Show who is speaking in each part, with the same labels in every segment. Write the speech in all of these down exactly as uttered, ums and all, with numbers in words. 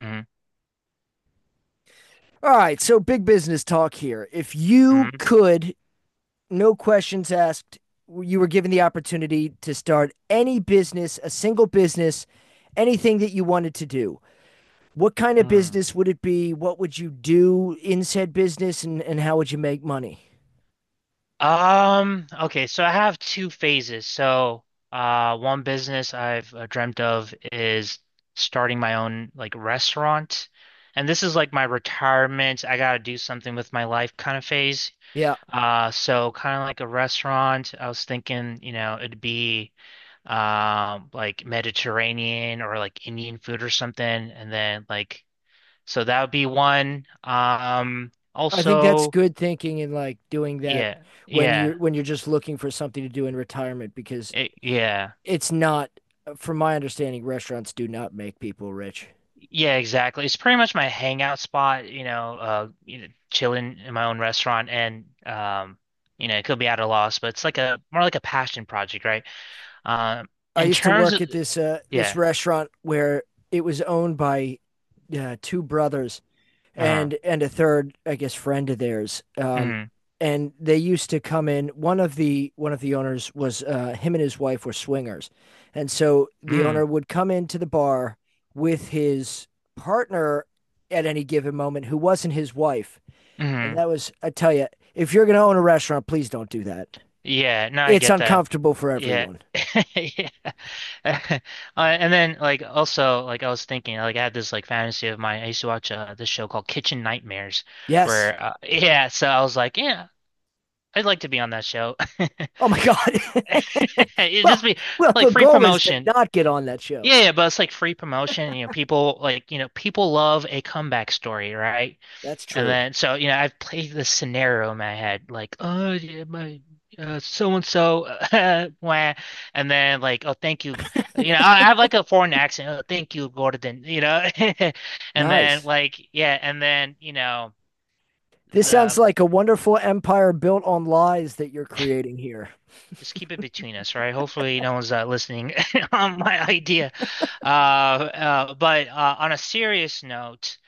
Speaker 1: Mhm,
Speaker 2: All right, so big business talk here. If you
Speaker 1: mhm,
Speaker 2: could, no questions asked, you were given the opportunity to start any business, a single business, anything that you wanted to do. What kind of
Speaker 1: mhm.
Speaker 2: business would it be? What would you do in said business and, and how would you make money?
Speaker 1: Um, okay, so I have two phases. So, uh, one business I've uh, dreamt of is starting my own like restaurant. And this is like my retirement. I gotta do something with my life kind of phase.
Speaker 2: Yeah.
Speaker 1: Uh, so kind of like a restaurant. I was thinking, you know, it'd be um like Mediterranean or like Indian food or something. And then like so that would be one. Um,
Speaker 2: I think that's
Speaker 1: also.
Speaker 2: good thinking and like doing that
Speaker 1: Yeah,
Speaker 2: when
Speaker 1: yeah,
Speaker 2: you're when you're just looking for something to do in retirement because
Speaker 1: it, yeah,
Speaker 2: it's not from my understanding restaurants do not make people rich.
Speaker 1: yeah, exactly. It's pretty much my hangout spot, you know, uh, you know, chilling in my own restaurant, and um, you know, it could be at a loss, but it's like a more like a passion project, right? Um,
Speaker 2: I
Speaker 1: in
Speaker 2: used to
Speaker 1: terms
Speaker 2: work
Speaker 1: of,
Speaker 2: at this uh, this
Speaker 1: yeah,
Speaker 2: restaurant where it was owned by uh, two brothers
Speaker 1: uh-huh,
Speaker 2: and and a third, I guess, friend of theirs. Um,
Speaker 1: mm,
Speaker 2: and they used to come in. One of the one of the owners was, uh, him and his wife were swingers, and so the
Speaker 1: mm,
Speaker 2: owner would come into the bar with his partner at any given moment, who wasn't his wife. And
Speaker 1: mm,
Speaker 2: that was, I tell you, if you're going to own a restaurant, please don't do that.
Speaker 1: yeah, no, I
Speaker 2: It's
Speaker 1: get that,
Speaker 2: uncomfortable for
Speaker 1: yeah.
Speaker 2: everyone.
Speaker 1: Yeah. Uh, and then like also like I was thinking like I had this like fantasy of mine. I used to watch uh, this show called Kitchen Nightmares
Speaker 2: Yes.
Speaker 1: where uh, yeah so I was like yeah I'd like to be on that show.
Speaker 2: Oh my God.
Speaker 1: It'd
Speaker 2: Well,
Speaker 1: just be
Speaker 2: well,
Speaker 1: like
Speaker 2: the
Speaker 1: free
Speaker 2: goal is to
Speaker 1: promotion.
Speaker 2: not get on that show.
Speaker 1: Yeah, yeah, but it's like free promotion. You know, people like, you know, people love a comeback story, right?
Speaker 2: That's
Speaker 1: And
Speaker 2: true.
Speaker 1: then so, you know, I've played this scenario in my head, like, oh yeah, my uh, so and so, uh, wah, and then like, oh, thank you. You know, I I have like a foreign accent. Oh, thank you, Gordon. You know, and then
Speaker 2: Nice.
Speaker 1: like, yeah, and then you know.
Speaker 2: This sounds
Speaker 1: The.
Speaker 2: like a wonderful empire built on lies that you're creating here.
Speaker 1: Just keep it between us, right? Hopefully, no one's uh, listening on my idea. Uh, uh, but uh, on a serious note,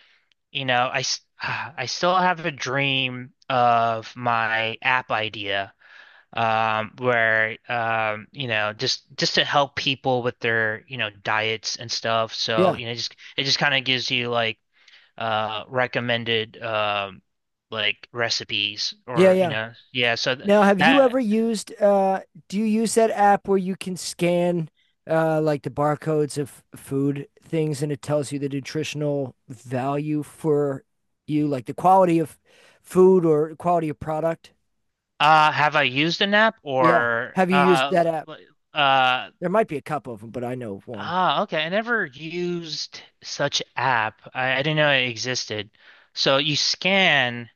Speaker 1: you know, I I still have a dream of my app idea, um, where um, you know, just just to help people with their you know diets and stuff. So
Speaker 2: Yeah.
Speaker 1: you know, just it just kind of gives you like uh recommended um like recipes
Speaker 2: Yeah,
Speaker 1: or you
Speaker 2: yeah.
Speaker 1: know, yeah. So th
Speaker 2: Now, have you
Speaker 1: that.
Speaker 2: ever used uh do you use that app where you can scan uh like the barcodes of food things and it tells you the nutritional value for you, like the quality of food or quality of product?
Speaker 1: Uh, have I used an app
Speaker 2: Yeah.
Speaker 1: or
Speaker 2: Have you used
Speaker 1: uh,
Speaker 2: that
Speaker 1: l-
Speaker 2: app?
Speaker 1: l- uh,
Speaker 2: There might be a couple of them, but I know of one.
Speaker 1: ah, okay. I never used such app. I, I didn't know it existed. So you scan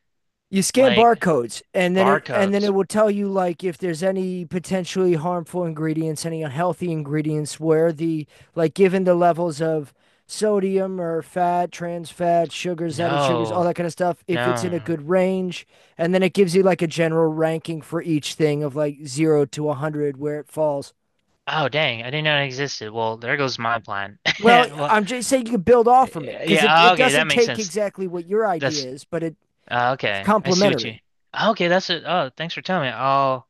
Speaker 2: You scan
Speaker 1: like
Speaker 2: barcodes and then it and then
Speaker 1: barcodes.
Speaker 2: it will tell you, like, if there's any potentially harmful ingredients, any unhealthy ingredients, where the, like, given the levels of sodium or fat, trans fat, sugars, added sugars, all
Speaker 1: No,
Speaker 2: that kind of stuff, if it's in a
Speaker 1: no.
Speaker 2: good range, and then it gives you like a general ranking for each thing of like zero to one hundred where it falls.
Speaker 1: Oh, dang. I didn't know it existed. Well, there goes my plan.
Speaker 2: Well,
Speaker 1: Well,
Speaker 2: I'm just saying you can build off from it because it,
Speaker 1: yeah,
Speaker 2: it
Speaker 1: okay. That
Speaker 2: doesn't
Speaker 1: makes
Speaker 2: take
Speaker 1: sense.
Speaker 2: exactly what your idea
Speaker 1: That's
Speaker 2: is, but it,
Speaker 1: uh,
Speaker 2: it's
Speaker 1: okay. I see what you.
Speaker 2: complementary.
Speaker 1: Okay, that's it. Oh, thanks for telling me. I'll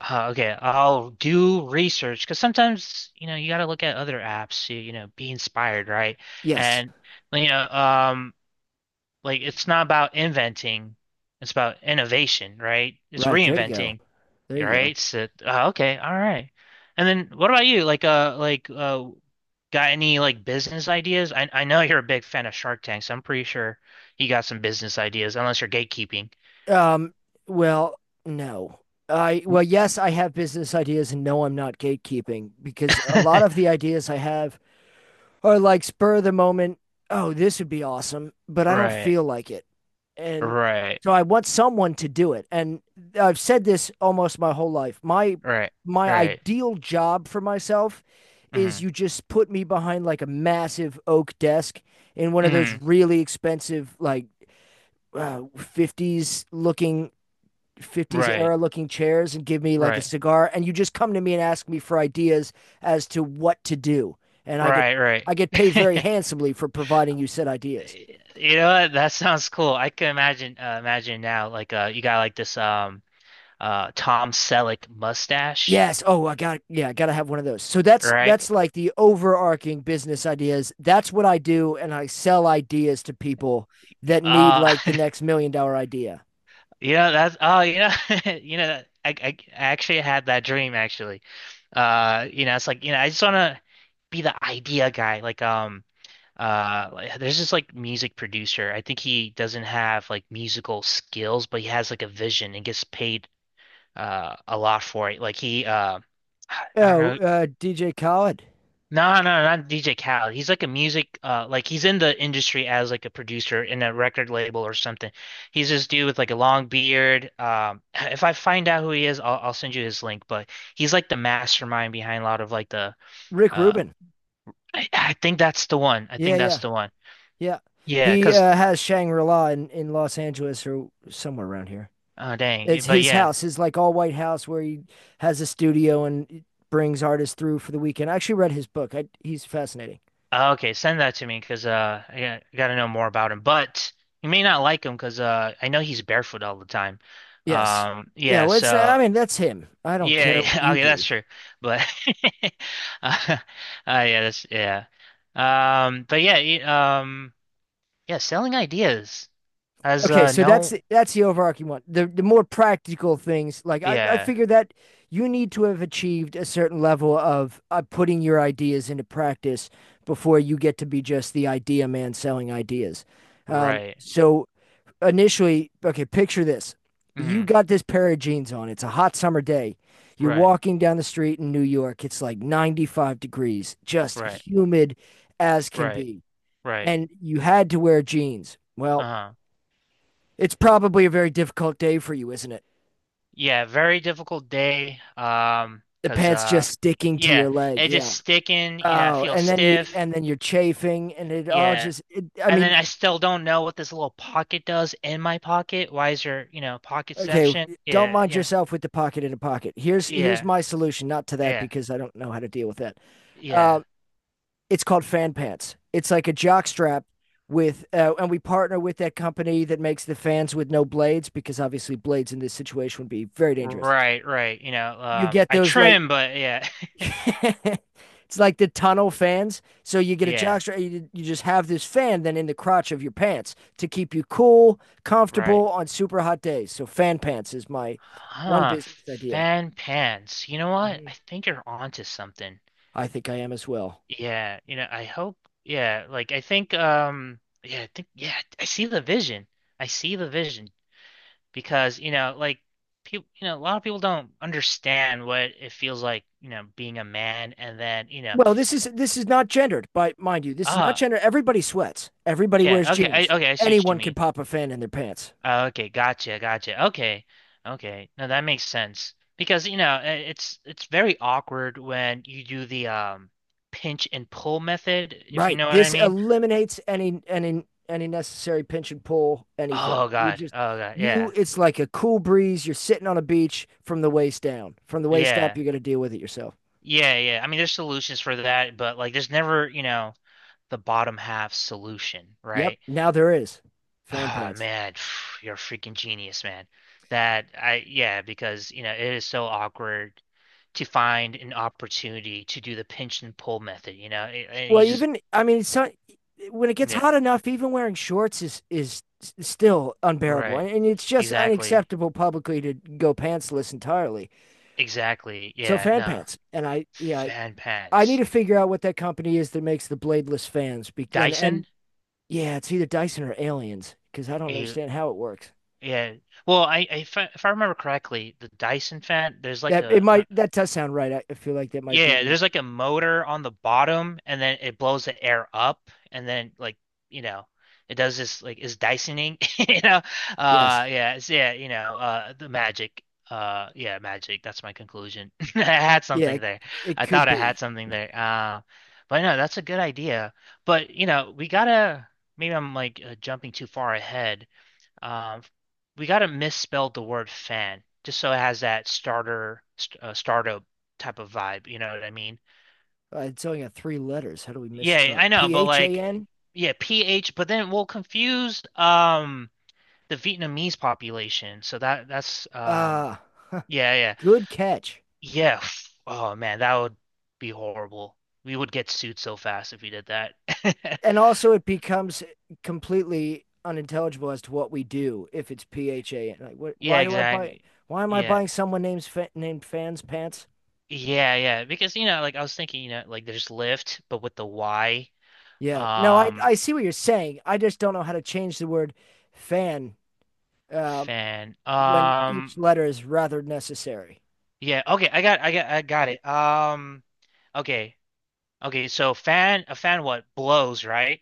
Speaker 1: Uh, okay, I'll do research because sometimes, you know, you got to look at other apps to, you know, be inspired, right?
Speaker 2: Yes.
Speaker 1: And, you know, um, like it's not about inventing, it's about innovation, right? It's
Speaker 2: Right, there you go,
Speaker 1: reinventing,
Speaker 2: there you go.
Speaker 1: right? So, uh, okay, all right. And then what about you? Like, uh, like, uh, got any like business ideas? I I know you're a big fan of Shark Tank, so I'm pretty sure you got some business ideas, unless you're gatekeeping.
Speaker 2: Um, well, no. I well, yes, I have business ideas, and no, I'm not gatekeeping because a lot of the ideas I have are like spur of the moment. Oh, this would be awesome, but I don't
Speaker 1: Right,
Speaker 2: feel like it, and
Speaker 1: right,
Speaker 2: so I want someone to do it. And I've said this almost my whole life. My
Speaker 1: right,
Speaker 2: my
Speaker 1: right.
Speaker 2: ideal job for myself
Speaker 1: Mm-hmm.
Speaker 2: is you just put me behind like a massive oak desk in one of those
Speaker 1: Mm,
Speaker 2: really expensive like uh, fifties looking, fifties
Speaker 1: right,
Speaker 2: era looking chairs, and give me like a
Speaker 1: right,
Speaker 2: cigar, and you just come to me and ask me for ideas as to what to do, and i get
Speaker 1: right, right.
Speaker 2: i get paid very handsomely for providing you said ideas.
Speaker 1: You know what? That sounds cool. I can imagine uh, imagine now like uh you got like this um uh Tom Selleck mustache,
Speaker 2: Yes. Oh, I got, yeah, I gotta have one of those. So that's that's
Speaker 1: right?
Speaker 2: like the overarching business ideas. That's what I do, and I sell ideas to people that need
Speaker 1: Uh
Speaker 2: like the next million dollar idea.
Speaker 1: you know that's oh you know you know that- I, I I actually had that dream actually. Uh you know it's like you know I just want to be the idea guy like um uh like, there's this like music producer. I think he doesn't have like musical skills, but he has like a vision and gets paid uh a lot for it. Like he uh I don't
Speaker 2: Oh,
Speaker 1: know.
Speaker 2: uh DJ Khaled?
Speaker 1: No, no, not D J Khaled. He's like a music uh like he's in the industry as like a producer in a record label or something. He's this dude with like a long beard. Um if I find out who he is, I'll I'll send you his link, but he's like the mastermind behind a lot of like the
Speaker 2: Rick
Speaker 1: uh
Speaker 2: Rubin.
Speaker 1: I, I think that's the one. I
Speaker 2: Yeah,
Speaker 1: think that's
Speaker 2: yeah.
Speaker 1: the one.
Speaker 2: Yeah,
Speaker 1: Yeah,
Speaker 2: he
Speaker 1: 'cause
Speaker 2: uh, has Shangri-La in, in Los Angeles or somewhere around here.
Speaker 1: uh dang.
Speaker 2: It's
Speaker 1: But
Speaker 2: his
Speaker 1: yeah,
Speaker 2: house, his like all white house where he has a studio and brings artists through for the weekend. I actually read his book. I, he's fascinating.
Speaker 1: Uh, okay, send that to me because uh, I got- I gotta know more about him. But you may not like him because uh, I know he's barefoot all the time.
Speaker 2: Yes.
Speaker 1: Um,
Speaker 2: Yeah,
Speaker 1: yeah.
Speaker 2: well, it's I
Speaker 1: So
Speaker 2: mean, that's him. I don't
Speaker 1: yeah,
Speaker 2: care what
Speaker 1: yeah.
Speaker 2: you
Speaker 1: Okay, that's
Speaker 2: do.
Speaker 1: true. But uh, yeah, that's yeah. Um, but yeah, y- um, yeah. Selling ideas has
Speaker 2: Okay,
Speaker 1: uh
Speaker 2: so that's
Speaker 1: no.
Speaker 2: that's the overarching one. The the more practical things, like I, I
Speaker 1: Yeah.
Speaker 2: figure that you need to have achieved a certain level of uh, putting your ideas into practice before you get to be just the idea man selling ideas. Um,
Speaker 1: Right.
Speaker 2: so initially, okay, picture this. You
Speaker 1: Mm.
Speaker 2: got this pair of jeans on. It's a hot summer day. You're
Speaker 1: Right.
Speaker 2: walking down the street in New York. It's like ninety-five degrees, just
Speaker 1: Right.
Speaker 2: humid as can
Speaker 1: Right.
Speaker 2: be.
Speaker 1: Right.
Speaker 2: And you had to wear jeans. Well,
Speaker 1: Uh-huh.
Speaker 2: it's probably a very difficult day for you, isn't it?
Speaker 1: Yeah, very difficult day. Um,
Speaker 2: The
Speaker 1: 'cause
Speaker 2: pants
Speaker 1: uh
Speaker 2: just sticking to your
Speaker 1: yeah,
Speaker 2: leg.
Speaker 1: it just
Speaker 2: Yeah.
Speaker 1: sticking, you know, I
Speaker 2: Oh,
Speaker 1: feel
Speaker 2: and then you
Speaker 1: stiff.
Speaker 2: and then you're chafing and it all
Speaker 1: Yeah.
Speaker 2: just, it, I
Speaker 1: And then
Speaker 2: mean,
Speaker 1: I still don't know what this little pocket does in my pocket. Why is there, you know,
Speaker 2: okay,
Speaker 1: pocketception?
Speaker 2: don't
Speaker 1: Yeah,
Speaker 2: mind
Speaker 1: you know,
Speaker 2: yourself with the pocket in a pocket. Here's here's
Speaker 1: yeah,
Speaker 2: my solution, not to that
Speaker 1: yeah,
Speaker 2: because I don't know how to deal with that. Uh
Speaker 1: yeah.
Speaker 2: It's called Fan Pants. It's like a jock strap with, uh, and we partner with that company that makes the fans with no blades because obviously blades in this situation would be very dangerous.
Speaker 1: Right, right. You know,
Speaker 2: You
Speaker 1: um
Speaker 2: get
Speaker 1: I
Speaker 2: those like,
Speaker 1: trim, but yeah.
Speaker 2: it's like the tunnel fans. So you get a jock
Speaker 1: Yeah,
Speaker 2: strap, you, you just have this fan then in the crotch of your pants to keep you cool,
Speaker 1: right.
Speaker 2: comfortable on super hot days. So Fan Pants is my one
Speaker 1: Huh,
Speaker 2: business idea.
Speaker 1: fan pants. You know what?
Speaker 2: Mm-hmm.
Speaker 1: I think you're onto something.
Speaker 2: I think I am as well.
Speaker 1: Yeah, you know, I hope yeah, like I think um yeah, I think yeah, I see the vision. I see the vision because, you know, like people, you know, a lot of people don't understand what it feels like, you know, being a man and then, you know,
Speaker 2: Well, this is this is not gendered, but mind you, this is not
Speaker 1: uh
Speaker 2: gendered. Everybody sweats. Everybody wears
Speaker 1: yeah, okay,
Speaker 2: jeans.
Speaker 1: I okay, I see what you
Speaker 2: Anyone can
Speaker 1: mean.
Speaker 2: pop a fan in their pants.
Speaker 1: Uh, okay, gotcha, gotcha. Okay. Okay. No, that makes sense. Because, you know, I- it's it's very awkward when you do the um pinch and pull method, if you
Speaker 2: Right.
Speaker 1: know what I
Speaker 2: This
Speaker 1: mean.
Speaker 2: eliminates any any any necessary pinch and pull, anything.
Speaker 1: Oh
Speaker 2: You
Speaker 1: God.
Speaker 2: just,
Speaker 1: Oh God.
Speaker 2: you,
Speaker 1: Yeah.
Speaker 2: it's like a cool breeze. You're sitting on a beach from the waist down. From the waist up,
Speaker 1: Yeah.
Speaker 2: you gotta deal with it yourself.
Speaker 1: Yeah, yeah. I mean, there's solutions for that, but like there's never, you know, the bottom half solution,
Speaker 2: Yep.
Speaker 1: right?
Speaker 2: Now there is fan
Speaker 1: Ah,
Speaker 2: pants.
Speaker 1: man, you're a freaking genius, man. That I yeah, because, you know, it is so awkward to find an opportunity to do the pinch and pull method, you know? It- and
Speaker 2: Well,
Speaker 1: he just
Speaker 2: even, I mean, so when it gets
Speaker 1: yeah,
Speaker 2: hot enough, even wearing shorts is is s- still unbearable,
Speaker 1: right.
Speaker 2: and, and it's just
Speaker 1: Exactly.
Speaker 2: unacceptable publicly to go pantsless entirely.
Speaker 1: Exactly.
Speaker 2: So
Speaker 1: Yeah,
Speaker 2: fan
Speaker 1: no.
Speaker 2: pants, and I yeah, I
Speaker 1: Fan
Speaker 2: I need
Speaker 1: pants.
Speaker 2: to figure out what that company is that makes the bladeless fans. Be and and
Speaker 1: Dyson?
Speaker 2: Yeah, it's either Dyson or Aliens because I don't
Speaker 1: A
Speaker 2: understand how it works.
Speaker 1: yeah. Well, I, I- if I, if I remember correctly, the Dyson fan, there's like
Speaker 2: That it
Speaker 1: a,
Speaker 2: might
Speaker 1: a
Speaker 2: That does sound right. I, I feel like that might be
Speaker 1: Yeah,
Speaker 2: right.
Speaker 1: there's like a motor on the bottom and then it blows the air up and then like, you know, it does this like is Dysoning, you know. Uh
Speaker 2: Yes,
Speaker 1: yeah, it's yeah, you know, uh the magic. Uh yeah, magic. That's my conclusion. I had
Speaker 2: yeah,
Speaker 1: something
Speaker 2: it,
Speaker 1: there.
Speaker 2: it
Speaker 1: I
Speaker 2: could
Speaker 1: thought I had
Speaker 2: be.
Speaker 1: something there. Uh but no, that's a good idea. But you know, we gotta maybe I'm like uh, jumping too far ahead, um, we got to misspell the word fan just so it has that starter st uh, startup type of vibe. You know what I mean?
Speaker 2: Uh, it's only got three letters. How do we
Speaker 1: Yeah,
Speaker 2: misspell it?
Speaker 1: I know,
Speaker 2: P
Speaker 1: but
Speaker 2: H A
Speaker 1: like,
Speaker 2: N.
Speaker 1: yeah, P H. But then we'll confuse um the Vietnamese population. So that that's um
Speaker 2: Ah.
Speaker 1: yeah yeah
Speaker 2: Good catch.
Speaker 1: yeah. f- Oh man, that would be horrible. We would get sued so fast if we did that.
Speaker 2: And also, it becomes completely unintelligible as to what we do if it's P H A. Like, what,
Speaker 1: Yeah,
Speaker 2: why do I buy?
Speaker 1: exactly.
Speaker 2: Why am I
Speaker 1: Yeah.
Speaker 2: buying someone named fa- named fans pants?
Speaker 1: Yeah, yeah. Because, you know, like I was thinking, you know, like there's Lyft, but with the Y
Speaker 2: Yeah, no, I
Speaker 1: Um,
Speaker 2: I see what you're saying. I just don't know how to change the word fan um,
Speaker 1: fan.
Speaker 2: when each
Speaker 1: Um,
Speaker 2: letter is rather necessary.
Speaker 1: yeah. Okay, I got, I got, I got it. Um, okay, okay. So fan, a fan, what blows, right?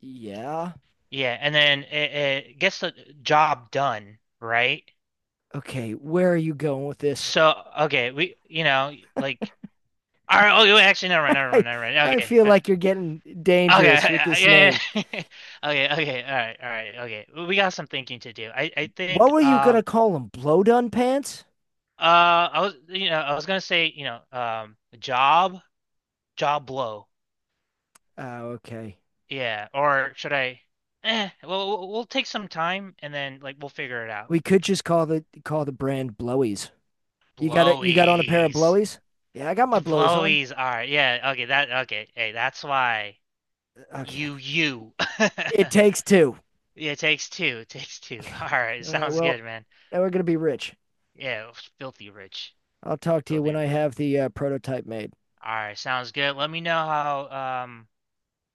Speaker 2: Yeah.
Speaker 1: Yeah, and then it, it gets the job done, right?
Speaker 2: Okay, where are you going with this?
Speaker 1: So okay, we, you know, like, all right. Oh, wait, actually, never mind, never mind,
Speaker 2: I
Speaker 1: never mind.
Speaker 2: I
Speaker 1: Okay,
Speaker 2: feel
Speaker 1: uh,
Speaker 2: like you're getting
Speaker 1: okay,
Speaker 2: dangerous with
Speaker 1: yeah,
Speaker 2: this
Speaker 1: yeah.
Speaker 2: name.
Speaker 1: yeah. Okay, okay, all right, all right, okay. We got some thinking to do. I, I
Speaker 2: What
Speaker 1: think,
Speaker 2: were you gonna
Speaker 1: um,
Speaker 2: call him? Blowdun pants?
Speaker 1: uh, I was, you know, I was gonna say, you know, um, job. Jaw blow.
Speaker 2: Oh, okay.
Speaker 1: Yeah. Or should I? Eh. Well, we'll we'll take some time and then like we'll figure it out.
Speaker 2: We could just call the call the brand Blowies. You got it. You got on a pair of
Speaker 1: Blowies.
Speaker 2: Blowies. Yeah, I got my Blowies on.
Speaker 1: Blowies are. Yeah. Okay. That. Okay. Hey, that's why
Speaker 2: Okay.
Speaker 1: you you.
Speaker 2: It takes two.
Speaker 1: Yeah. It takes two. It takes two. All right.
Speaker 2: All right.
Speaker 1: Sounds
Speaker 2: Well,
Speaker 1: good, man.
Speaker 2: now we're gonna be rich.
Speaker 1: Yeah. Filthy rich.
Speaker 2: I'll talk to you
Speaker 1: Filthy.
Speaker 2: when I
Speaker 1: Ri-
Speaker 2: have the uh, prototype made.
Speaker 1: All right. Sounds good. Let me know how um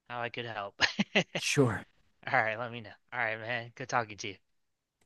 Speaker 1: how I could help. All
Speaker 2: Sure.
Speaker 1: right. Let me know. All right, man. Good talking to you.